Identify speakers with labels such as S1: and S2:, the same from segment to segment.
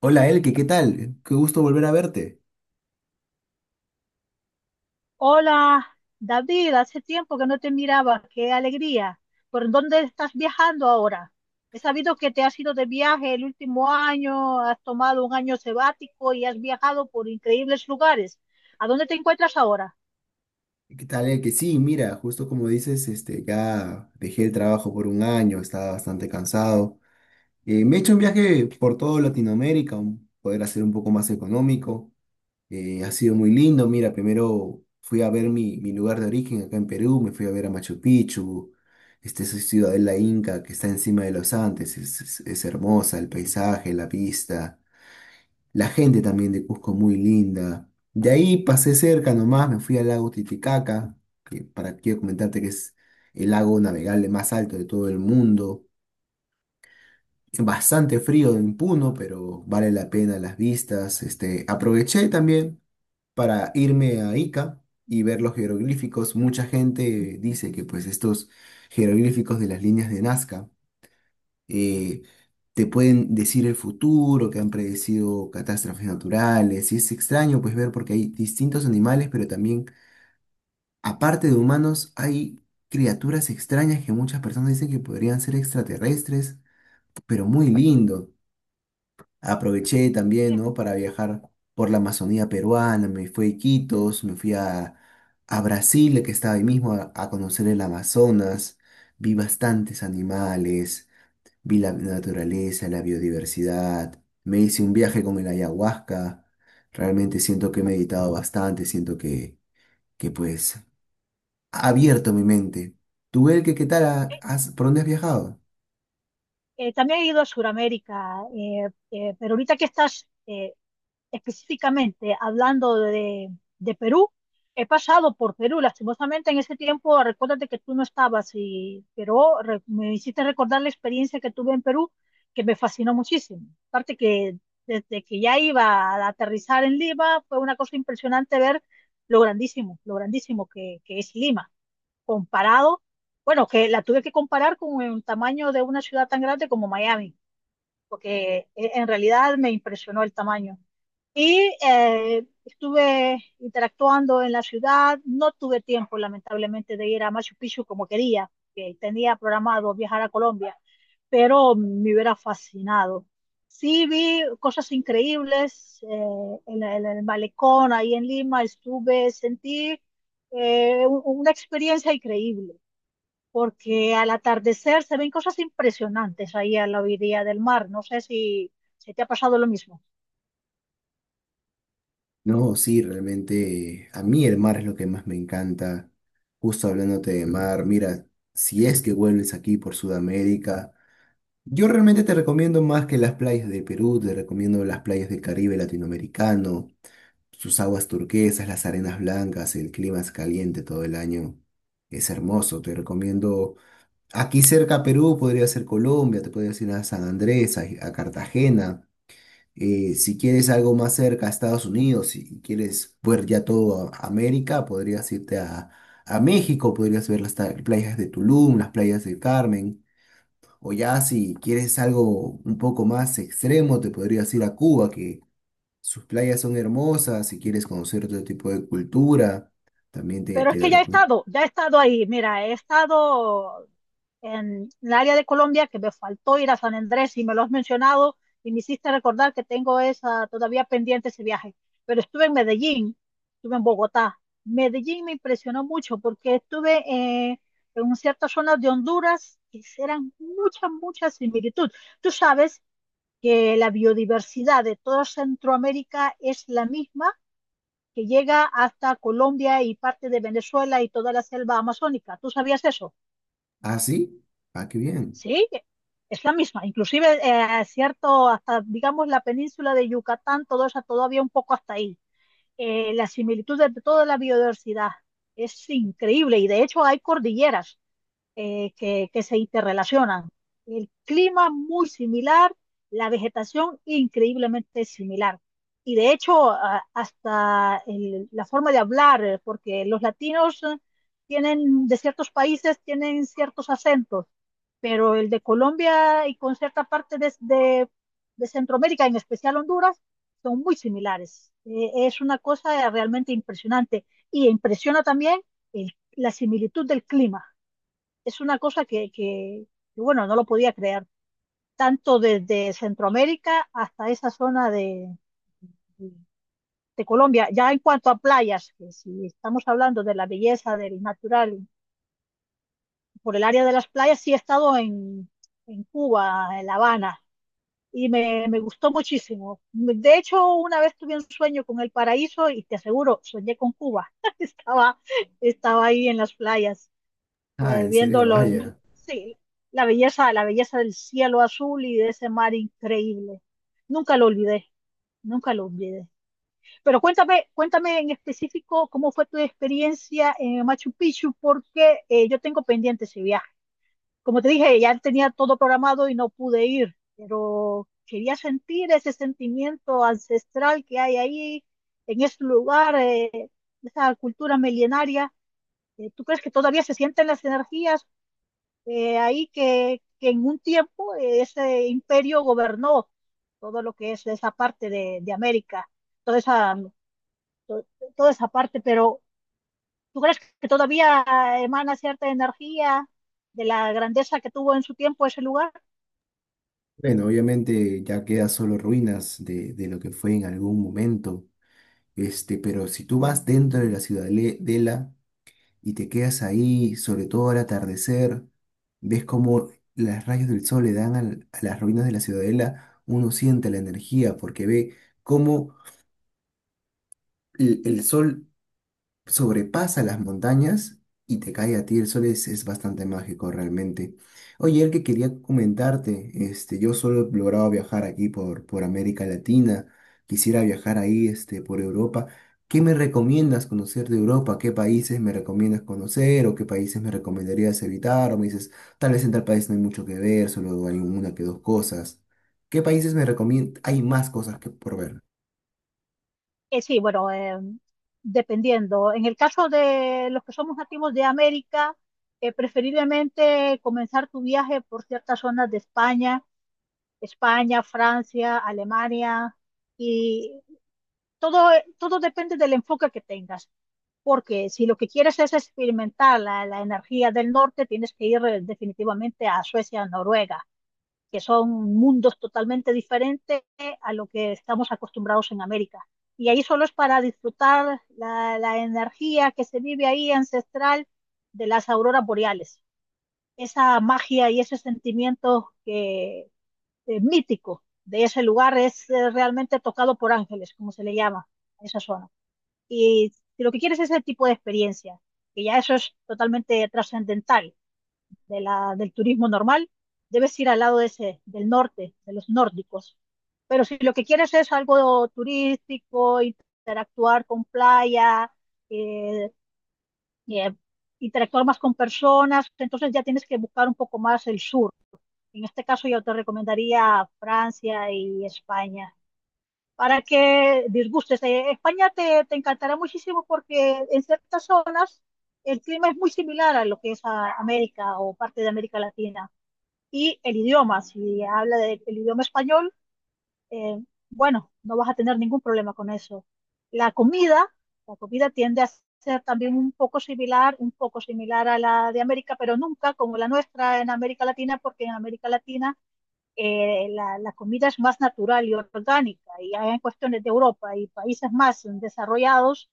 S1: Hola Elke, ¿qué tal? Qué gusto volver a verte.
S2: Hola, David, hace tiempo que no te miraba, qué alegría. ¿Por dónde estás viajando ahora? He sabido que te has ido de viaje el último año, has tomado un año sabático y has viajado por increíbles lugares. ¿A dónde te encuentras ahora?
S1: ¿Qué tal Elke? Sí, mira, justo como dices, ya dejé el trabajo por un año, estaba bastante cansado. Me he hecho un viaje por toda Latinoamérica, poder hacer un poco más económico. Ha sido muy lindo, mira, primero fui a ver mi lugar de origen acá en Perú, me fui a ver a Machu Picchu, este, esa ciudadela inca que está encima de los Andes, es hermosa, el paisaje, la vista. La gente también de Cusco muy linda. De ahí pasé cerca nomás, me fui al lago Titicaca, que para quiero comentarte que es el lago navegable más alto de todo el mundo. Es bastante frío en Puno, pero vale la pena las vistas. Este, aproveché también para irme a Ica y ver los jeroglíficos. Mucha gente dice que pues estos jeroglíficos de las líneas de Nazca eh, te pueden decir el futuro, que han predecido catástrofes naturales, y es extraño pues ver porque hay distintos animales, pero también, aparte de humanos, hay criaturas extrañas que muchas personas dicen que podrían ser extraterrestres, pero muy lindo. Aproveché también, ¿no? Para viajar por la Amazonía peruana, me fui a Iquitos, a Brasil, que estaba ahí mismo, a conocer el Amazonas, vi bastantes animales, vi la naturaleza, la biodiversidad, me hice un viaje con el ayahuasca, realmente siento que he meditado bastante, siento que ha abierto mi mente. ¿Tú, que ¿qué tal? ¿Por dónde has viajado?
S2: También he ido a Sudamérica, pero ahorita que estás específicamente hablando de Perú, he pasado por Perú, lastimosamente en ese tiempo, recuérdate que tú no estabas, pero me hiciste recordar la experiencia que tuve en Perú, que me fascinó muchísimo. Aparte que desde que ya iba a aterrizar en Lima, fue una cosa impresionante ver lo grandísimo que es Lima comparado, bueno, que la tuve que comparar con el tamaño de una ciudad tan grande como Miami, porque en realidad me impresionó el tamaño. Y estuve interactuando en la ciudad, no tuve tiempo lamentablemente de ir a Machu Picchu como quería, que tenía programado viajar a Colombia, pero me hubiera fascinado. Sí, vi cosas increíbles en el malecón, ahí en Lima, estuve, sentí una experiencia increíble porque al atardecer se ven cosas impresionantes ahí a la orilla del mar. No sé si, si te ha pasado lo mismo,
S1: No, sí, realmente a mí el mar es lo que más me encanta. Justo hablándote de mar, mira, si es que vuelves aquí por Sudamérica, yo realmente te recomiendo más que las playas de Perú, te recomiendo las playas del Caribe latinoamericano. Sus aguas turquesas, las arenas blancas, el clima es caliente todo el año. Es hermoso, te recomiendo. Aquí cerca a Perú podría ser Colombia, te podrías ir a San Andrés, a Cartagena. Si quieres algo más cerca a Estados Unidos, si quieres ver ya todo a América, a México, podrías ver las playas de Tulum, las playas del Carmen. O ya si quieres algo un poco más extremo, te podrías ir a Cuba, que sus playas son hermosas, si quieres conocer otro tipo de cultura, también
S2: pero es
S1: te
S2: que
S1: lo recomiendo.
S2: ya he estado ahí. Mira, he estado en el área de Colombia, que me faltó ir a San Andrés, y me lo has mencionado y me hiciste recordar que tengo esa todavía pendiente, ese viaje. Pero estuve en Medellín, estuve en Bogotá. Medellín me impresionó mucho porque estuve en ciertas zonas de Honduras que eran mucha, mucha similitud. Tú sabes que la biodiversidad de toda Centroamérica es la misma que llega hasta Colombia y parte de Venezuela y toda la selva amazónica. ¿Tú sabías eso?
S1: ¿Ah, sí? Ah, qué bien.
S2: Sí, es la misma. Inclusive, cierto, hasta, digamos, la península de Yucatán, todo eso todavía un poco hasta ahí. La similitud de toda la biodiversidad es increíble y de hecho hay cordilleras que se interrelacionan. El clima muy similar, la vegetación increíblemente similar. Y de hecho, la forma de hablar, porque los latinos tienen, de ciertos países, tienen ciertos acentos, pero el de Colombia y con cierta parte de Centroamérica, en especial Honduras, son muy similares. Es una cosa realmente impresionante. Y impresiona también la similitud del clima, es una cosa bueno, no lo podía creer, tanto desde Centroamérica hasta esa zona de, de Colombia. Ya en cuanto a playas, que si estamos hablando de la belleza del natural, por el área de las playas, sí he estado en Cuba, en La Habana, y me gustó muchísimo. De hecho, una vez tuve un sueño con el paraíso y te aseguro, soñé con Cuba. estaba, estaba ahí en las playas,
S1: Ah, en serio,
S2: viéndolo,
S1: vaya.
S2: sí, la belleza del cielo azul y de ese mar increíble. Nunca lo olvidé, nunca lo olvidé. Pero cuéntame, cuéntame en específico cómo fue tu experiencia en Machu Picchu, porque yo tengo pendiente ese viaje. Como te dije, ya tenía todo programado y no pude ir, pero quería sentir ese sentimiento ancestral que hay ahí, en ese lugar, esa cultura milenaria. ¿Tú crees que todavía se sienten las energías? Que en un tiempo ese imperio gobernó todo lo que es esa parte de América, toda esa, to- toda esa parte, pero ¿tú crees que todavía emana cierta energía de la grandeza que tuvo en su tiempo ese lugar?
S1: Bueno, obviamente ya queda solo ruinas de lo que fue en algún momento. Este, pero si tú vas dentro de la ciudadela y te quedas ahí, sobre todo al atardecer, ves cómo las rayas del sol le dan a las ruinas de la ciudadela, uno siente la energía porque ve cómo el sol sobrepasa las montañas y te cae a ti el sol, es bastante mágico realmente. Oye, el que quería comentarte, este, yo solo he logrado viajar aquí por América Latina, quisiera viajar ahí, este, por Europa. ¿Qué me recomiendas conocer de Europa? ¿Qué países me recomiendas conocer o qué países me recomendarías evitar? O me dices, tal vez en tal país no hay mucho que ver, solo hay una que dos cosas. ¿Qué países me recomiendas? Hay más cosas que por ver.
S2: Sí, bueno, dependiendo. En el caso de los que somos nativos de América, preferiblemente comenzar tu viaje por ciertas zonas de España, España, Francia, Alemania y todo, todo depende del enfoque que tengas, porque si lo que quieres es experimentar la energía del norte, tienes que ir definitivamente a Suecia, Noruega, que son mundos totalmente diferentes a lo que estamos acostumbrados en América. Y ahí solo es para disfrutar la energía que se vive ahí ancestral, de las auroras boreales, esa magia y ese sentimiento mítico de ese lugar es realmente tocado por ángeles, como se le llama a esa zona. Y si lo que quieres es ese tipo de experiencia, que ya eso es totalmente trascendental de del turismo normal, debes ir al lado de ese, del norte, de los nórdicos. Pero si lo que quieres es algo turístico, interactuar con playa, eh, eh, interactuar más con personas, entonces ya tienes que buscar un poco más el sur. En este caso yo te recomendaría Francia y España para que disgustes. España te encantará muchísimo porque en ciertas zonas el clima es muy similar a lo que es a América o parte de América Latina. Y el idioma, si habla del idioma español, eh, bueno, no vas a tener ningún problema con eso. La comida, la comida tiende a ser también un poco similar a la de América, pero nunca como la nuestra en América Latina, porque en América Latina comida es más natural y orgánica, y hay en cuestiones de Europa y países más desarrollados,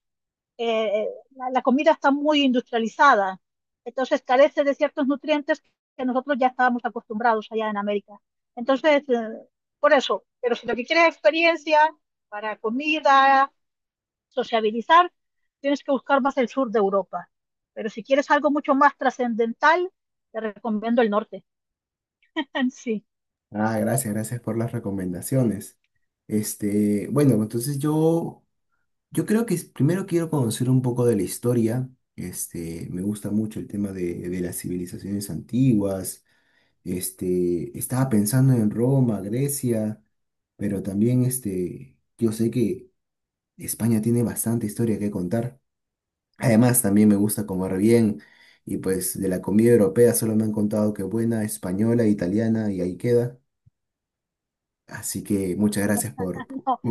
S2: eh, eh, comida está muy industrializada, entonces carece de ciertos nutrientes que nosotros ya estábamos acostumbrados allá en América. Entonces, por eso, pero si lo que quieres es experiencia para comida, sociabilizar, tienes que buscar más el sur de Europa. Pero si quieres algo mucho más trascendental, te recomiendo el norte. Sí,
S1: Ah, gracias, gracias por las recomendaciones. Este, bueno, yo creo que primero quiero conocer un poco de la historia. Este, me gusta mucho el tema de las civilizaciones antiguas. Este, estaba pensando en Roma, Grecia, pero también este, yo sé que España tiene bastante historia que contar. Además, también me gusta comer bien y pues de la comida europea solo me han contado que buena, española, italiana y ahí queda. Así que muchas gracias por...
S2: no,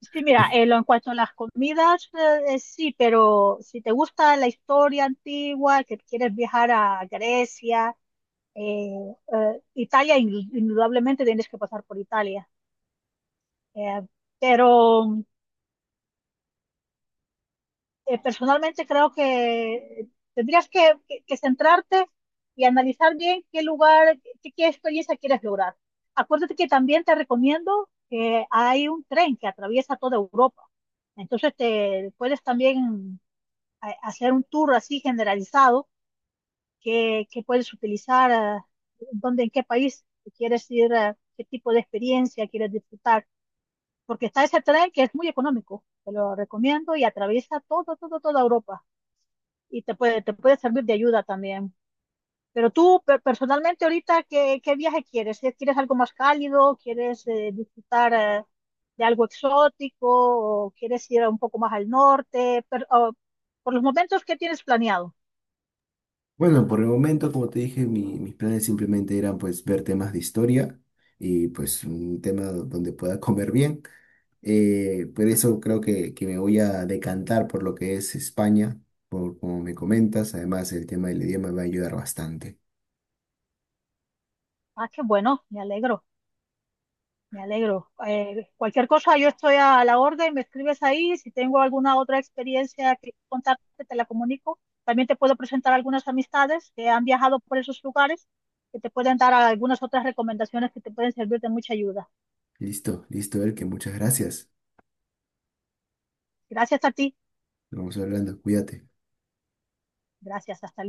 S2: sí, mira, lo en cuanto a las comidas, sí, pero si te gusta la historia antigua, que quieres viajar a Grecia, eh, Italia, indudablemente tienes que pasar por Italia. Eh, pero personalmente creo que tendrías que centrarte y analizar bien qué lugar, qué experiencia quieres lograr. Acuérdate que también te recomiendo que hay un tren que atraviesa toda Europa. Entonces te puedes también hacer un tour así generalizado que puedes utilizar, ah, dónde, en qué país si quieres ir, ah, qué tipo de experiencia quieres disfrutar, porque está ese tren que es muy económico, te lo recomiendo y atraviesa toda Europa y te te puede servir de ayuda también. Pero tú, personalmente, ahorita, qué viaje quieres? ¿Eh? ¿Quieres algo más cálido? ¿Quieres disfrutar de algo exótico? ¿O quieres ir un poco más al norte? Pero, oh, por los momentos, ¿qué tienes planeado?
S1: Bueno, por el momento, como te dije, mis planes simplemente eran pues ver temas de historia y pues un tema donde pueda comer bien. Por eso creo que me voy a decantar por lo que es España, por como me comentas. Además, el tema del idioma me va a ayudar bastante.
S2: Ah, qué bueno, me alegro, me alegro. Cualquier cosa, yo estoy a la orden, me escribes ahí, si tengo alguna otra experiencia que contarte, te la comunico. También te puedo presentar algunas amistades que han viajado por esos lugares, que te pueden dar algunas otras recomendaciones que te pueden servir de mucha ayuda.
S1: Listo, listo, que muchas gracias.
S2: Gracias a ti,
S1: Nos vamos hablando, cuídate.
S2: gracias, hasta